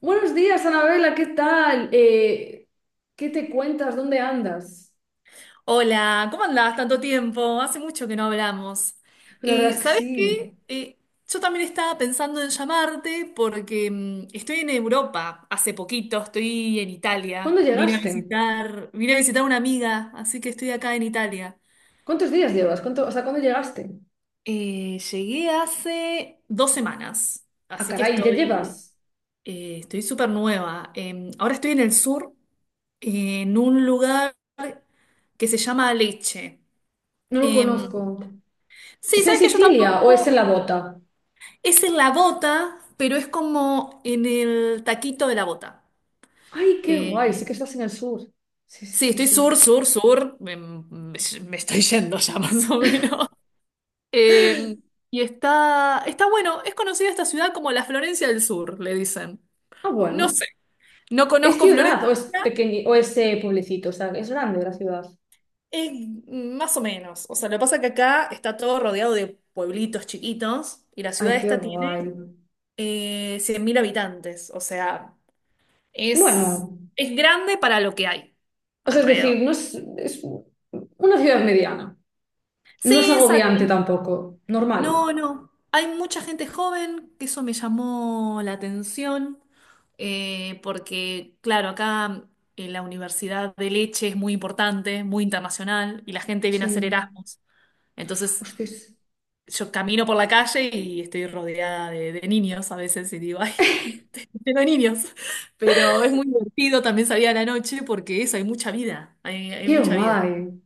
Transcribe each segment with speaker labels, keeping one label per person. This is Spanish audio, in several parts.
Speaker 1: Buenos días, Anabela, ¿qué tal? ¿Qué te cuentas? ¿Dónde andas?
Speaker 2: Hola, ¿cómo andás? Tanto tiempo, hace mucho que no hablamos.
Speaker 1: Pues la verdad es que
Speaker 2: ¿Sabés
Speaker 1: sí.
Speaker 2: qué? Yo también estaba pensando en llamarte porque estoy en Europa hace poquito, estoy en
Speaker 1: ¿Cuándo
Speaker 2: Italia. Vine a
Speaker 1: llegaste?
Speaker 2: visitar, vine a visitar a una amiga, así que estoy acá en Italia.
Speaker 1: ¿Cuántos días llevas? O sea, ¿cuándo llegaste?
Speaker 2: Llegué hace 2 semanas,
Speaker 1: Ah,
Speaker 2: así que
Speaker 1: caray, ¿ya
Speaker 2: estoy,
Speaker 1: llevas?
Speaker 2: eh, estoy súper nueva. Ahora estoy en el sur, en un lugar que se llama Lecce.
Speaker 1: No lo
Speaker 2: Em,
Speaker 1: conozco.
Speaker 2: Sí,
Speaker 1: ¿Es en
Speaker 2: sabes que yo
Speaker 1: Sicilia o es en
Speaker 2: tampoco.
Speaker 1: La Bota?
Speaker 2: Es en la bota, pero es como en el taquito de la bota.
Speaker 1: Ay, qué guay, sí
Speaker 2: Eh,
Speaker 1: que estás en el sur. Sí, sí,
Speaker 2: sí,
Speaker 1: sí,
Speaker 2: estoy
Speaker 1: sí.
Speaker 2: sur, sur, sur. Me estoy yendo ya más o menos. Eh, y está bueno. Es conocida esta ciudad como la Florencia del Sur, le dicen.
Speaker 1: Ah,
Speaker 2: No
Speaker 1: bueno.
Speaker 2: sé, no
Speaker 1: ¿Es
Speaker 2: conozco
Speaker 1: ciudad
Speaker 2: Florencia.
Speaker 1: o es pequeño o es pueblecito? O sea, es grande la ciudad.
Speaker 2: Es más o menos. O sea, lo que pasa es que acá está todo rodeado de pueblitos chiquitos y la
Speaker 1: Ay,
Speaker 2: ciudad
Speaker 1: qué
Speaker 2: esta tiene
Speaker 1: guay.
Speaker 2: 100.000 habitantes. O sea. Es,
Speaker 1: Bueno,
Speaker 2: es grande para lo que hay
Speaker 1: o sea, es
Speaker 2: alrededor.
Speaker 1: decir, no es, es una ciudad mediana.
Speaker 2: Sí,
Speaker 1: No es agobiante
Speaker 2: exacto.
Speaker 1: tampoco, normal.
Speaker 2: No, no. Hay mucha gente joven, que eso me llamó la atención, porque, claro, acá en la Universidad de Leche es muy importante, muy internacional, y la gente viene a hacer
Speaker 1: Sí.
Speaker 2: Erasmus. Entonces,
Speaker 1: Hostias,
Speaker 2: yo camino por la calle y estoy rodeada de niños a veces y digo, ay, tengo niños. Pero es muy divertido, también salir a la noche porque eso, hay mucha vida, hay
Speaker 1: qué
Speaker 2: mucha vida.
Speaker 1: guay.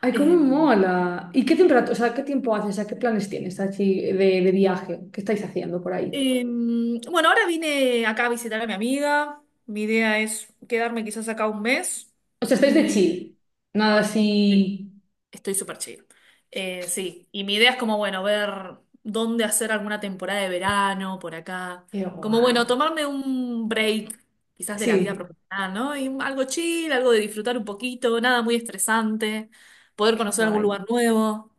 Speaker 1: Ay, cómo
Speaker 2: Em,
Speaker 1: mola. ¿Y qué temperatura, o sea, qué tiempo haces, o sea, qué planes tienes así de viaje? ¿Qué estáis haciendo por ahí?
Speaker 2: bueno, ahora vine acá a visitar a mi amiga. Mi idea es quedarme quizás acá un mes
Speaker 1: O sea, estáis de
Speaker 2: y
Speaker 1: chill. Nada así.
Speaker 2: estoy súper chill. Sí, y mi idea es como, bueno, ver dónde hacer alguna temporada de verano por acá.
Speaker 1: Qué
Speaker 2: Como,
Speaker 1: guay.
Speaker 2: bueno, tomarme un break quizás de la vida
Speaker 1: Sí,
Speaker 2: profesional, ¿no? Y algo chill, algo de disfrutar un poquito, nada muy estresante, poder
Speaker 1: qué
Speaker 2: conocer algún
Speaker 1: guay.
Speaker 2: lugar nuevo.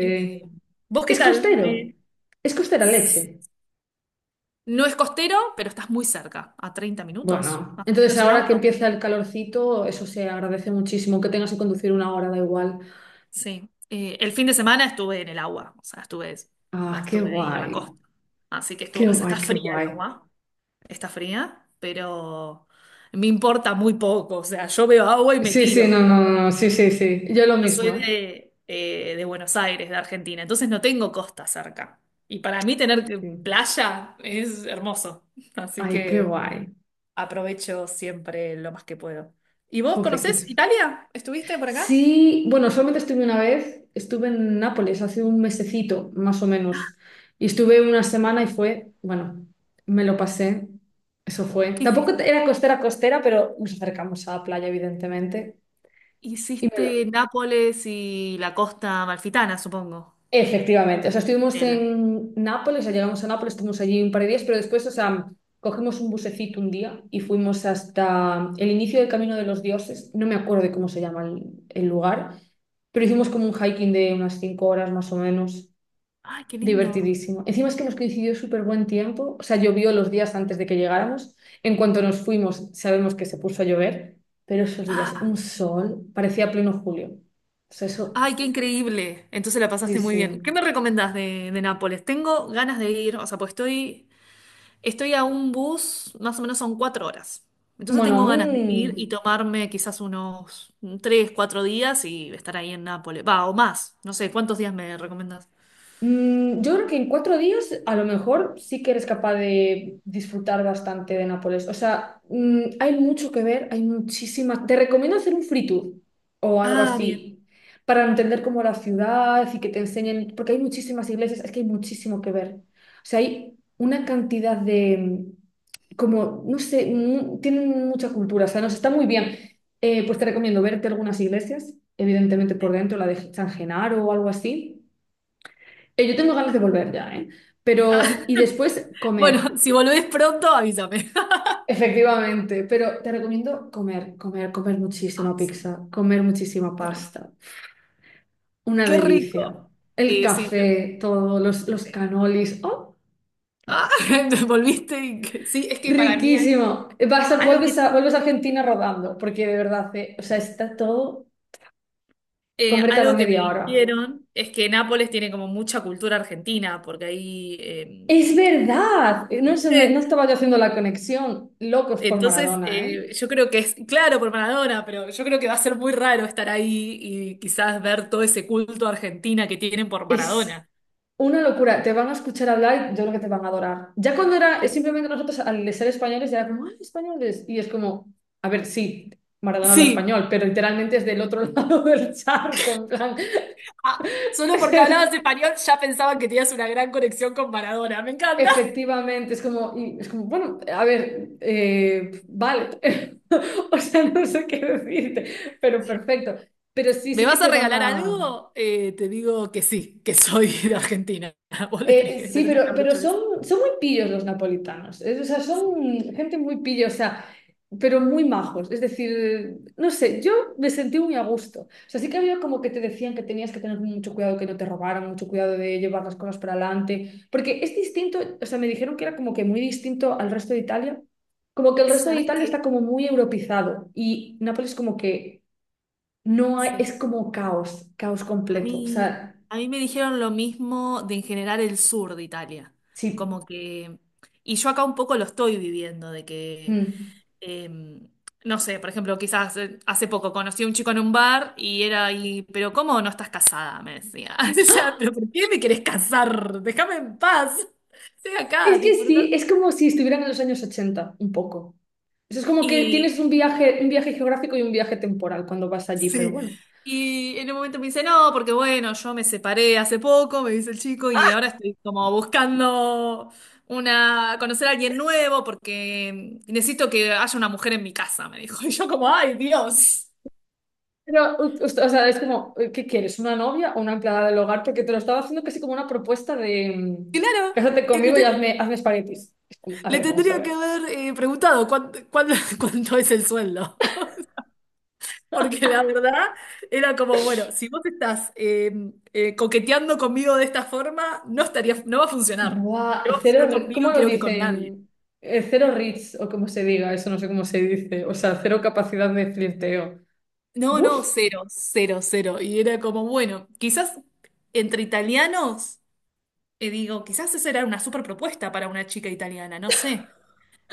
Speaker 2: Eh, ¿Vos qué
Speaker 1: ¿Es
Speaker 2: tal?
Speaker 1: costero? ¿Es costera leche?
Speaker 2: No es costero, pero estás muy cerca, a 30 minutos,
Speaker 1: Bueno,
Speaker 2: más o
Speaker 1: entonces
Speaker 2: menos en
Speaker 1: ahora que
Speaker 2: auto.
Speaker 1: empieza el calorcito, eso se agradece muchísimo. Que tengas que conducir una hora, da igual.
Speaker 2: Sí. El fin de semana estuve en el agua, o sea, estuve,
Speaker 1: Ah, qué
Speaker 2: estuve ahí en la
Speaker 1: guay.
Speaker 2: costa. Así que estuvo,
Speaker 1: Qué
Speaker 2: o sea, está
Speaker 1: guay, qué
Speaker 2: fría el
Speaker 1: guay.
Speaker 2: agua, está fría, pero me importa muy poco, o sea, yo veo agua y me
Speaker 1: Sí, sí,
Speaker 2: tiro.
Speaker 1: no, no, no, no, sí, sí, sí. Yo lo
Speaker 2: Yo
Speaker 1: mismo,
Speaker 2: soy
Speaker 1: ¿eh?
Speaker 2: de Buenos Aires, de Argentina, entonces no tengo costa cerca. Y para mí tener
Speaker 1: Sí.
Speaker 2: playa es hermoso. Así
Speaker 1: Ay, qué
Speaker 2: que
Speaker 1: guay.
Speaker 2: aprovecho siempre lo más que puedo. ¿Y vos
Speaker 1: Jope, qué
Speaker 2: conocés
Speaker 1: chulo.
Speaker 2: Italia? ¿Estuviste por acá?
Speaker 1: Sí, bueno, solamente estuve una vez, estuve en Nápoles hace un mesecito, más o menos, y estuve una semana y fue, bueno, me lo pasé, eso fue.
Speaker 2: ¿Qué
Speaker 1: Tampoco
Speaker 2: hiciste?
Speaker 1: era costera costera, pero nos acercamos a la playa, evidentemente, y me
Speaker 2: Hiciste
Speaker 1: lo.
Speaker 2: Nápoles y la costa amalfitana, supongo.
Speaker 1: Efectivamente, o sea, estuvimos
Speaker 2: El-
Speaker 1: en Nápoles, o sea, llegamos a Nápoles, estuvimos allí un par de días, pero después, o sea, cogimos un busecito un día y fuimos hasta el inicio del Camino de los Dioses, no me acuerdo de cómo se llama el lugar, pero hicimos como un hiking de unas 5 horas más o menos,
Speaker 2: Ay, qué lindo.
Speaker 1: divertidísimo. Encima es que nos coincidió súper buen tiempo, o sea, llovió los días antes de que llegáramos, en cuanto nos fuimos sabemos que se puso a llover, pero esos días, un
Speaker 2: Ah,
Speaker 1: sol, parecía pleno julio. O sea, eso,
Speaker 2: ay, qué increíble. Entonces la
Speaker 1: sí,
Speaker 2: pasaste muy bien. ¿Qué
Speaker 1: sí.
Speaker 2: me recomendás de Nápoles? Tengo ganas de ir, o sea, pues estoy a un bus, más o menos son 4 horas. Entonces
Speaker 1: Bueno,
Speaker 2: tengo ganas de ir y
Speaker 1: un.
Speaker 2: tomarme quizás unos 3, 4 días y estar ahí en Nápoles. Va, o más. No sé, ¿cuántos días me recomendás?
Speaker 1: Yo creo que en 4 días a lo mejor sí que eres capaz de disfrutar bastante de Nápoles. O sea, hay mucho que ver, hay muchísimas. Te recomiendo hacer un free tour o algo
Speaker 2: Ah, bien.
Speaker 1: así para entender cómo la ciudad y que te enseñen, porque hay muchísimas iglesias, es que hay muchísimo que ver. O sea, hay una cantidad de, como, no sé, tienen mucha cultura, o sea, nos está muy bien. Pues te
Speaker 2: Sí.
Speaker 1: recomiendo verte algunas iglesias, evidentemente por
Speaker 2: Sí.
Speaker 1: dentro, la de San Genaro o algo así. Yo tengo ganas de volver ya, ¿eh?
Speaker 2: Ah,
Speaker 1: Pero, y después
Speaker 2: bueno,
Speaker 1: comer,
Speaker 2: si volvés pronto, avísame.
Speaker 1: efectivamente. Pero te recomiendo comer, comer, comer muchísima
Speaker 2: Ay,
Speaker 1: pizza,
Speaker 2: sí,
Speaker 1: comer muchísima
Speaker 2: qué rico.
Speaker 1: pasta. Una
Speaker 2: Qué rico.
Speaker 1: delicia. El
Speaker 2: Sí.
Speaker 1: café, todo, los
Speaker 2: Sí.
Speaker 1: canolis. ¡Oh!
Speaker 2: Ah, Volviste. Sí, es que para mí.
Speaker 1: Riquísimo. Vas a-
Speaker 2: Algo que,
Speaker 1: vuelves a, vuelves a Argentina rodando, porque de verdad, o sea, está todo
Speaker 2: eh,
Speaker 1: comer cada
Speaker 2: algo que me
Speaker 1: media hora.
Speaker 2: dijeron es que Nápoles tiene como mucha cultura argentina, porque ahí,
Speaker 1: Es verdad. No, no
Speaker 2: ¿viste?
Speaker 1: estaba yo haciendo la conexión. Locos por
Speaker 2: Entonces,
Speaker 1: Maradona, ¿eh?
Speaker 2: yo creo que es, claro, por Maradona, pero yo creo que va a ser muy raro estar ahí y quizás ver todo ese culto a Argentina que tienen por
Speaker 1: Es.
Speaker 2: Maradona.
Speaker 1: Una locura, te van a escuchar hablar y yo creo que te van a adorar. Ya cuando era
Speaker 2: Eh,
Speaker 1: simplemente nosotros al ser españoles era como, ¡ay, españoles! Y es como, a ver, sí, Maradona habla
Speaker 2: Sí,
Speaker 1: español, pero literalmente es del otro lado del charco, en plan.
Speaker 2: Ah, solo porque hablabas español ya pensaban que tenías una gran conexión con Maradona. Me encanta.
Speaker 1: Efectivamente, es como, y es como, bueno, a ver, vale. O sea, no sé qué decirte, pero perfecto. Pero sí,
Speaker 2: ¿Me
Speaker 1: sí que
Speaker 2: vas a
Speaker 1: te van
Speaker 2: regalar
Speaker 1: a.
Speaker 2: algo? Te digo que sí, que soy de Argentina. Vos le tenés, que le
Speaker 1: Sí,
Speaker 2: tendrías que
Speaker 1: pero,
Speaker 2: haber
Speaker 1: pero
Speaker 2: dicho eso.
Speaker 1: son muy pillos los napolitanos. O sea,
Speaker 2: Sí.
Speaker 1: son gente muy pilla, o sea, pero muy majos. Es decir, no sé, yo me sentí muy a gusto. O sea, sí que había como que te decían que tenías que tener mucho cuidado que no te robaran, mucho cuidado de llevar las cosas para adelante. Porque es distinto, o sea, me dijeron que era como que muy distinto al resto de Italia. Como que el resto de
Speaker 2: ¿Sabes
Speaker 1: Italia está
Speaker 2: qué?
Speaker 1: como muy europizado y Nápoles como que no hay,
Speaker 2: Sí.
Speaker 1: es como caos, caos
Speaker 2: A
Speaker 1: completo. O
Speaker 2: mí,
Speaker 1: sea,
Speaker 2: a mí me dijeron lo mismo de en general el sur de Italia.
Speaker 1: sí.
Speaker 2: Como que. Y yo acá un poco lo estoy viviendo, de que
Speaker 1: Mm.
Speaker 2: eh, no sé, por ejemplo, quizás hace poco conocí a un chico en un bar y era ahí, pero ¿cómo no estás casada? Me decía. O sea, pero ¿por qué me querés casar? Déjame en paz. Estoy acá, a
Speaker 1: Es que
Speaker 2: disfrutar.
Speaker 1: sí, es como si estuvieran en los años 80 un poco. Eso es como que tienes
Speaker 2: Y
Speaker 1: un viaje geográfico y un viaje temporal cuando vas allí, pero
Speaker 2: sí.
Speaker 1: bueno.
Speaker 2: Y en un momento me dice, no, porque bueno, yo me separé hace poco, me dice el chico, y ahora estoy como buscando conocer a alguien nuevo porque necesito que haya una mujer en mi casa, me dijo. Y yo como, ay, Dios.
Speaker 1: Pero, o sea, es como, ¿qué quieres? ¿Una novia o una empleada del hogar? Porque te lo estaba haciendo casi como una propuesta de
Speaker 2: Claro.
Speaker 1: cásate conmigo y hazme espaguetis. Es como, a
Speaker 2: Le
Speaker 1: ver, vamos a
Speaker 2: tendría que
Speaker 1: ver.
Speaker 2: haber preguntado cuánto es el sueldo. Porque la verdad era como, bueno, si vos estás coqueteando conmigo de esta forma, no estaría, no va a funcionar. Y
Speaker 1: Buah,
Speaker 2: no va a
Speaker 1: cero,
Speaker 2: funcionar conmigo,
Speaker 1: ¿cómo lo
Speaker 2: creo que con nadie.
Speaker 1: dicen? Cero reach, o como se diga, eso no sé cómo se dice. O sea, cero capacidad de flirteo.
Speaker 2: No,
Speaker 1: ¡Buf!
Speaker 2: no, cero, cero, cero. Y era como, bueno, quizás entre italianos, digo, quizás esa era una super propuesta para una chica italiana, no sé.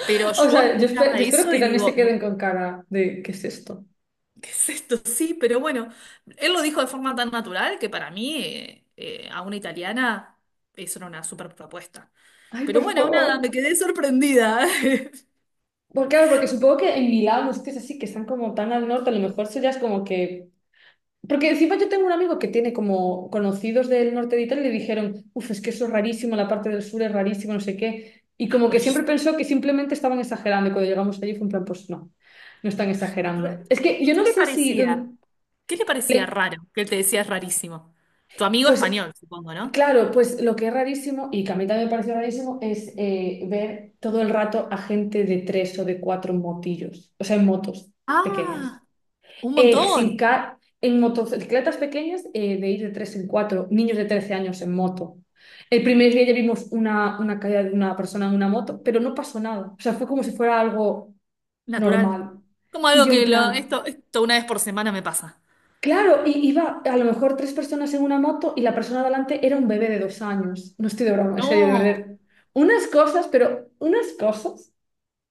Speaker 2: Pero
Speaker 1: O
Speaker 2: yo
Speaker 1: sea, yo, espe-
Speaker 2: escuchaba
Speaker 1: yo espero
Speaker 2: eso
Speaker 1: que
Speaker 2: y
Speaker 1: también se
Speaker 2: digo, no.
Speaker 1: queden con cara de ¿qué es esto?
Speaker 2: ¿Qué es esto? Sí, pero bueno, él lo dijo de forma tan natural que para mí, a una italiana, eso era una super propuesta.
Speaker 1: Ay,
Speaker 2: Pero
Speaker 1: por
Speaker 2: bueno, nada,
Speaker 1: favor.
Speaker 2: me quedé sorprendida.
Speaker 1: Porque, claro, porque supongo que en Milán, los sitios así que están como tan al norte, a lo mejor eso ya es como que. Porque encima yo tengo un amigo que tiene como conocidos del norte de Italia y le dijeron, uff, es que eso es rarísimo, la parte del sur es rarísimo, no sé qué. Y como que siempre
Speaker 2: Rarísimo.
Speaker 1: pensó que simplemente estaban exagerando y cuando llegamos allí fue un plan, pues no, no están exagerando. Es que
Speaker 2: ¿Y
Speaker 1: yo
Speaker 2: qué
Speaker 1: no
Speaker 2: le
Speaker 1: sé si...
Speaker 2: parecía?
Speaker 1: don-
Speaker 2: ¿Qué le parecía
Speaker 1: le-
Speaker 2: raro? Que él te decía es rarísimo. Tu amigo
Speaker 1: Pues
Speaker 2: español, supongo, ¿no?
Speaker 1: claro, pues lo que es rarísimo, y que a mí también me pareció rarísimo, es ver todo el rato a gente de tres o de cuatro motillos, o sea, en motos pequeñas.
Speaker 2: Ah, un montón.
Speaker 1: Sin ca- En motocicletas pequeñas, de ir de tres en cuatro, niños de 13 años en moto. El primer día ya vimos una caída de una persona en una moto, pero no pasó nada. O sea, fue como si fuera algo
Speaker 2: Natural.
Speaker 1: normal.
Speaker 2: Como
Speaker 1: Y
Speaker 2: algo
Speaker 1: yo en
Speaker 2: que
Speaker 1: plan.
Speaker 2: esto una vez por semana me pasa.
Speaker 1: Claro, y iba a lo mejor tres personas en una moto y la persona de adelante era un bebé de 2 años. No estoy de broma, en serio, de
Speaker 2: No,
Speaker 1: verdad. Unas cosas, pero unas cosas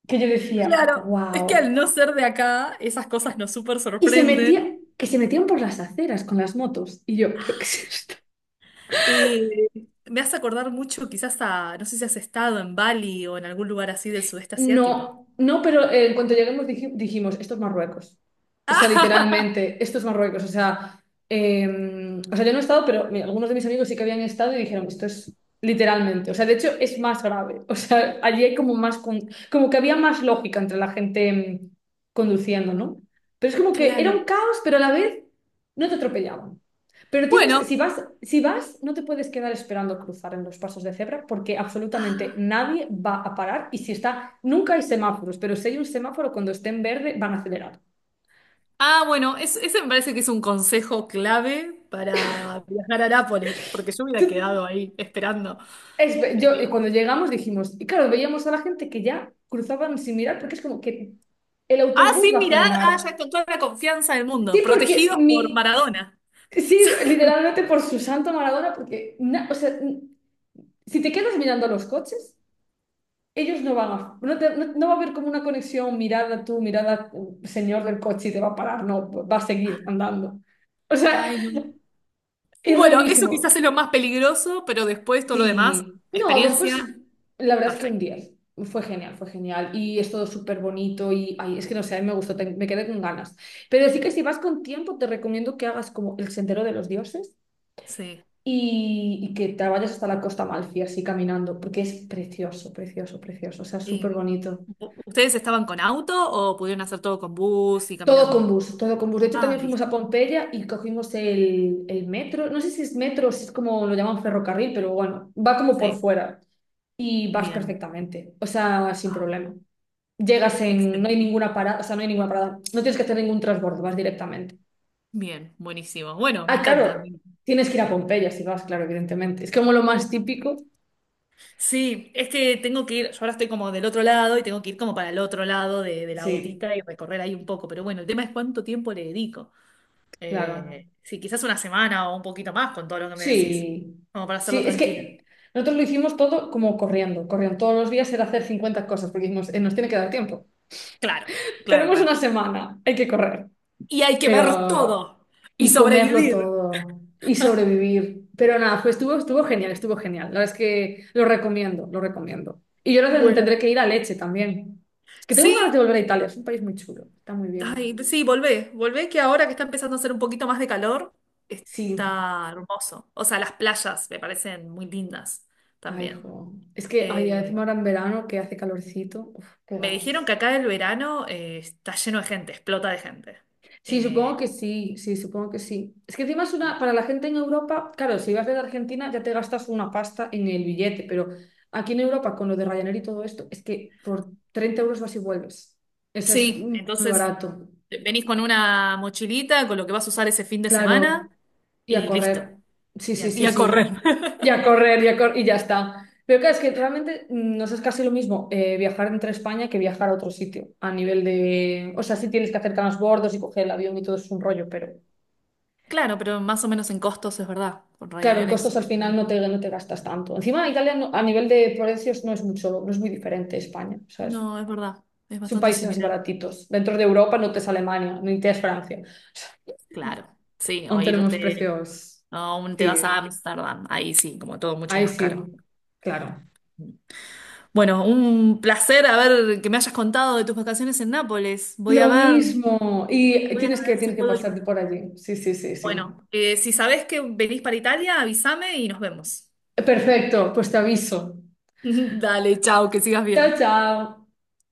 Speaker 1: que yo decía,
Speaker 2: claro, es que
Speaker 1: wow.
Speaker 2: al no ser de acá, esas cosas nos súper
Speaker 1: Y se
Speaker 2: sorprenden.
Speaker 1: metía, que se metían por las aceras con las motos. Y yo, ¿pero qué es esto?
Speaker 2: Eh, me hace acordar mucho quizás a, no sé si has estado en Bali o en algún lugar así del sudeste asiático.
Speaker 1: No, no, pero en cuanto lleguemos dijimos, esto es Marruecos. O sea, literalmente, esto es Marruecos. O sea, eh, yo no he estado, pero mira, algunos de mis amigos sí que habían estado y dijeron, esto es literalmente. O sea, de hecho, es más grave. O sea, allí hay como más, como que había más lógica entre la gente mm, conduciendo, ¿no? Pero es como que era un
Speaker 2: Claro.
Speaker 1: caos, pero a la vez no te atropellaban. Pero tienes,
Speaker 2: bueno,
Speaker 1: si vas, no te puedes quedar esperando cruzar en los pasos de cebra porque absolutamente
Speaker 2: Ah,
Speaker 1: nadie va a parar y si está, nunca hay semáforos, pero si hay un semáforo cuando esté en verde van a acelerar.
Speaker 2: ah, bueno, es- ese me parece que es un consejo clave para viajar a Nápoles, porque yo hubiera quedado ahí esperando.
Speaker 1: Es yo,
Speaker 2: Eh,
Speaker 1: y cuando llegamos dijimos, y claro, veíamos a la gente que ya cruzaban sin mirar porque es como que el
Speaker 2: ah,
Speaker 1: autobús
Speaker 2: sí,
Speaker 1: va a
Speaker 2: mirá,
Speaker 1: frenar.
Speaker 2: ya con toda la confianza del mundo,
Speaker 1: Sí, porque
Speaker 2: protegidos por
Speaker 1: mi,
Speaker 2: Maradona.
Speaker 1: sí, literalmente por su santo Maradona, porque, o sea, si te quedas mirando los coches. Ellos no van a, no, no va a haber como una conexión, mirada tú, mirada señor del coche y te va a parar, no, va a seguir andando. O sea,
Speaker 2: Ay, no.
Speaker 1: es
Speaker 2: Bueno, eso quizás
Speaker 1: rarísimo.
Speaker 2: es lo más peligroso, pero después todo lo demás,
Speaker 1: Sí, no,
Speaker 2: experiencia,
Speaker 1: después, la verdad es que un
Speaker 2: perfecto.
Speaker 1: 10, fue genial y es todo súper bonito y, ay, es que no sé, a mí me gustó, me quedé con ganas. Pero sí que si vas con tiempo, te recomiendo que hagas como el Sendero de los Dioses.
Speaker 2: Sí.
Speaker 1: Y que te vayas hasta la Costa Amalfi así caminando, porque es precioso, precioso, precioso, o sea, súper
Speaker 2: Eh,
Speaker 1: bonito.
Speaker 2: ¿Ustedes estaban con auto o pudieron hacer todo con bus y
Speaker 1: Todo con
Speaker 2: caminando?
Speaker 1: bus, todo con bus. De hecho,
Speaker 2: Ah,
Speaker 1: también fuimos
Speaker 2: listo.
Speaker 1: a Pompeya y cogimos el metro. No sé si es metro o si es como lo llaman ferrocarril, pero bueno, va como por
Speaker 2: Sí,
Speaker 1: fuera y vas
Speaker 2: bien.
Speaker 1: perfectamente, o sea, sin
Speaker 2: Ah,
Speaker 1: problema. Llegas en, no hay
Speaker 2: excelente.
Speaker 1: ninguna parada, o sea, no hay ninguna parada, no tienes que hacer ningún transbordo, vas directamente.
Speaker 2: Bien, buenísimo. Bueno, me
Speaker 1: Ah,
Speaker 2: encanta.
Speaker 1: claro, tienes que ir a Pompeya si vas, claro, evidentemente. Es como lo más típico.
Speaker 2: Sí, es que tengo que ir, yo ahora estoy como del otro lado y tengo que ir como para el otro lado de la
Speaker 1: Sí,
Speaker 2: gotita y recorrer ahí un poco, pero bueno, el tema es cuánto tiempo le dedico.
Speaker 1: claro.
Speaker 2: Sí, quizás una semana o un poquito más con todo lo que me decís,
Speaker 1: Sí,
Speaker 2: como para hacerlo
Speaker 1: sí, es
Speaker 2: tranquila.
Speaker 1: que nosotros lo hicimos todo como corriendo, corriendo. Todos los días era hacer 50 cosas porque nos tiene que dar tiempo.
Speaker 2: Claro, claro,
Speaker 1: Tenemos
Speaker 2: claro.
Speaker 1: una semana, hay que correr,
Speaker 2: Y hay que ver
Speaker 1: pero.
Speaker 2: todo y
Speaker 1: Y comerlo
Speaker 2: sobrevivir.
Speaker 1: todo, y sobrevivir. Pero nada, fue, estuvo genial, estuvo genial. La verdad es que lo recomiendo, lo recomiendo. Y yo creo que tendré
Speaker 2: Bueno,
Speaker 1: que ir a Leche también. Es que tengo ganas de
Speaker 2: sí,
Speaker 1: volver a Italia, es un país muy chulo, está muy bien.
Speaker 2: ay, sí, volvé, volvé que ahora que está empezando a hacer un poquito más de calor,
Speaker 1: Sí,
Speaker 2: está hermoso. O sea, las playas me parecen muy lindas
Speaker 1: ay,
Speaker 2: también.
Speaker 1: jo. Es que, ay, encima
Speaker 2: Eh,
Speaker 1: ahora en verano que hace calorcito, uf, qué
Speaker 2: me dijeron que
Speaker 1: ganas.
Speaker 2: acá el verano está lleno de gente, explota de gente.
Speaker 1: Sí, supongo
Speaker 2: Eh,
Speaker 1: que sí, sí, supongo que sí. Es que encima es una, para la gente en Europa, claro, si vas de Argentina ya te gastas una pasta en el billete, pero aquí en Europa con lo de Ryanair y todo esto, es que por 30 € vas y vuelves. Eso es
Speaker 2: sí,
Speaker 1: muy
Speaker 2: entonces
Speaker 1: barato.
Speaker 2: venís con una mochilita, con lo que vas a usar ese fin de semana
Speaker 1: Claro, y a
Speaker 2: y listo.
Speaker 1: correr. Sí,
Speaker 2: Y a,
Speaker 1: sí,
Speaker 2: y
Speaker 1: sí,
Speaker 2: a correr.
Speaker 1: sí. Y a correr, y ya está. Pero claro, es que realmente nos es casi lo mismo viajar entre España que viajar a otro sitio, a nivel de. O sea, sí tienes que hacer bordos y coger el avión y todo es un rollo, pero.
Speaker 2: Claro, pero más o menos en costos es verdad. Con
Speaker 1: Claro, en
Speaker 2: Ryanair
Speaker 1: costos
Speaker 2: es.
Speaker 1: al final no te gastas tanto. Encima, Italia a nivel de precios no es mucho, no es muy diferente a España. O sea, es,
Speaker 2: No, es verdad. Es
Speaker 1: son
Speaker 2: bastante
Speaker 1: países así
Speaker 2: similar.
Speaker 1: baratitos. Dentro de Europa no te es Alemania, ni te es Francia.
Speaker 2: Claro, sí, o
Speaker 1: Aún tenemos
Speaker 2: irte,
Speaker 1: precios.
Speaker 2: o te vas a
Speaker 1: Sí,
Speaker 2: Ámsterdam, ahí sí, como todo mucho
Speaker 1: ahí
Speaker 2: más caro.
Speaker 1: sí, claro.
Speaker 2: Bueno, un placer haber que me hayas contado de tus vacaciones en Nápoles. Voy a
Speaker 1: Lo
Speaker 2: ver,
Speaker 1: mismo. Y
Speaker 2: voy a
Speaker 1: tienes que,
Speaker 2: ver si
Speaker 1: tienes que
Speaker 2: puedo ir.
Speaker 1: pasarte por allí. Sí, sí, sí, sí.
Speaker 2: Bueno, si sabés que venís para Italia, avísame y nos vemos.
Speaker 1: Perfecto, pues te aviso.
Speaker 2: Dale, chao, que sigas
Speaker 1: Chao,
Speaker 2: bien.
Speaker 1: chao.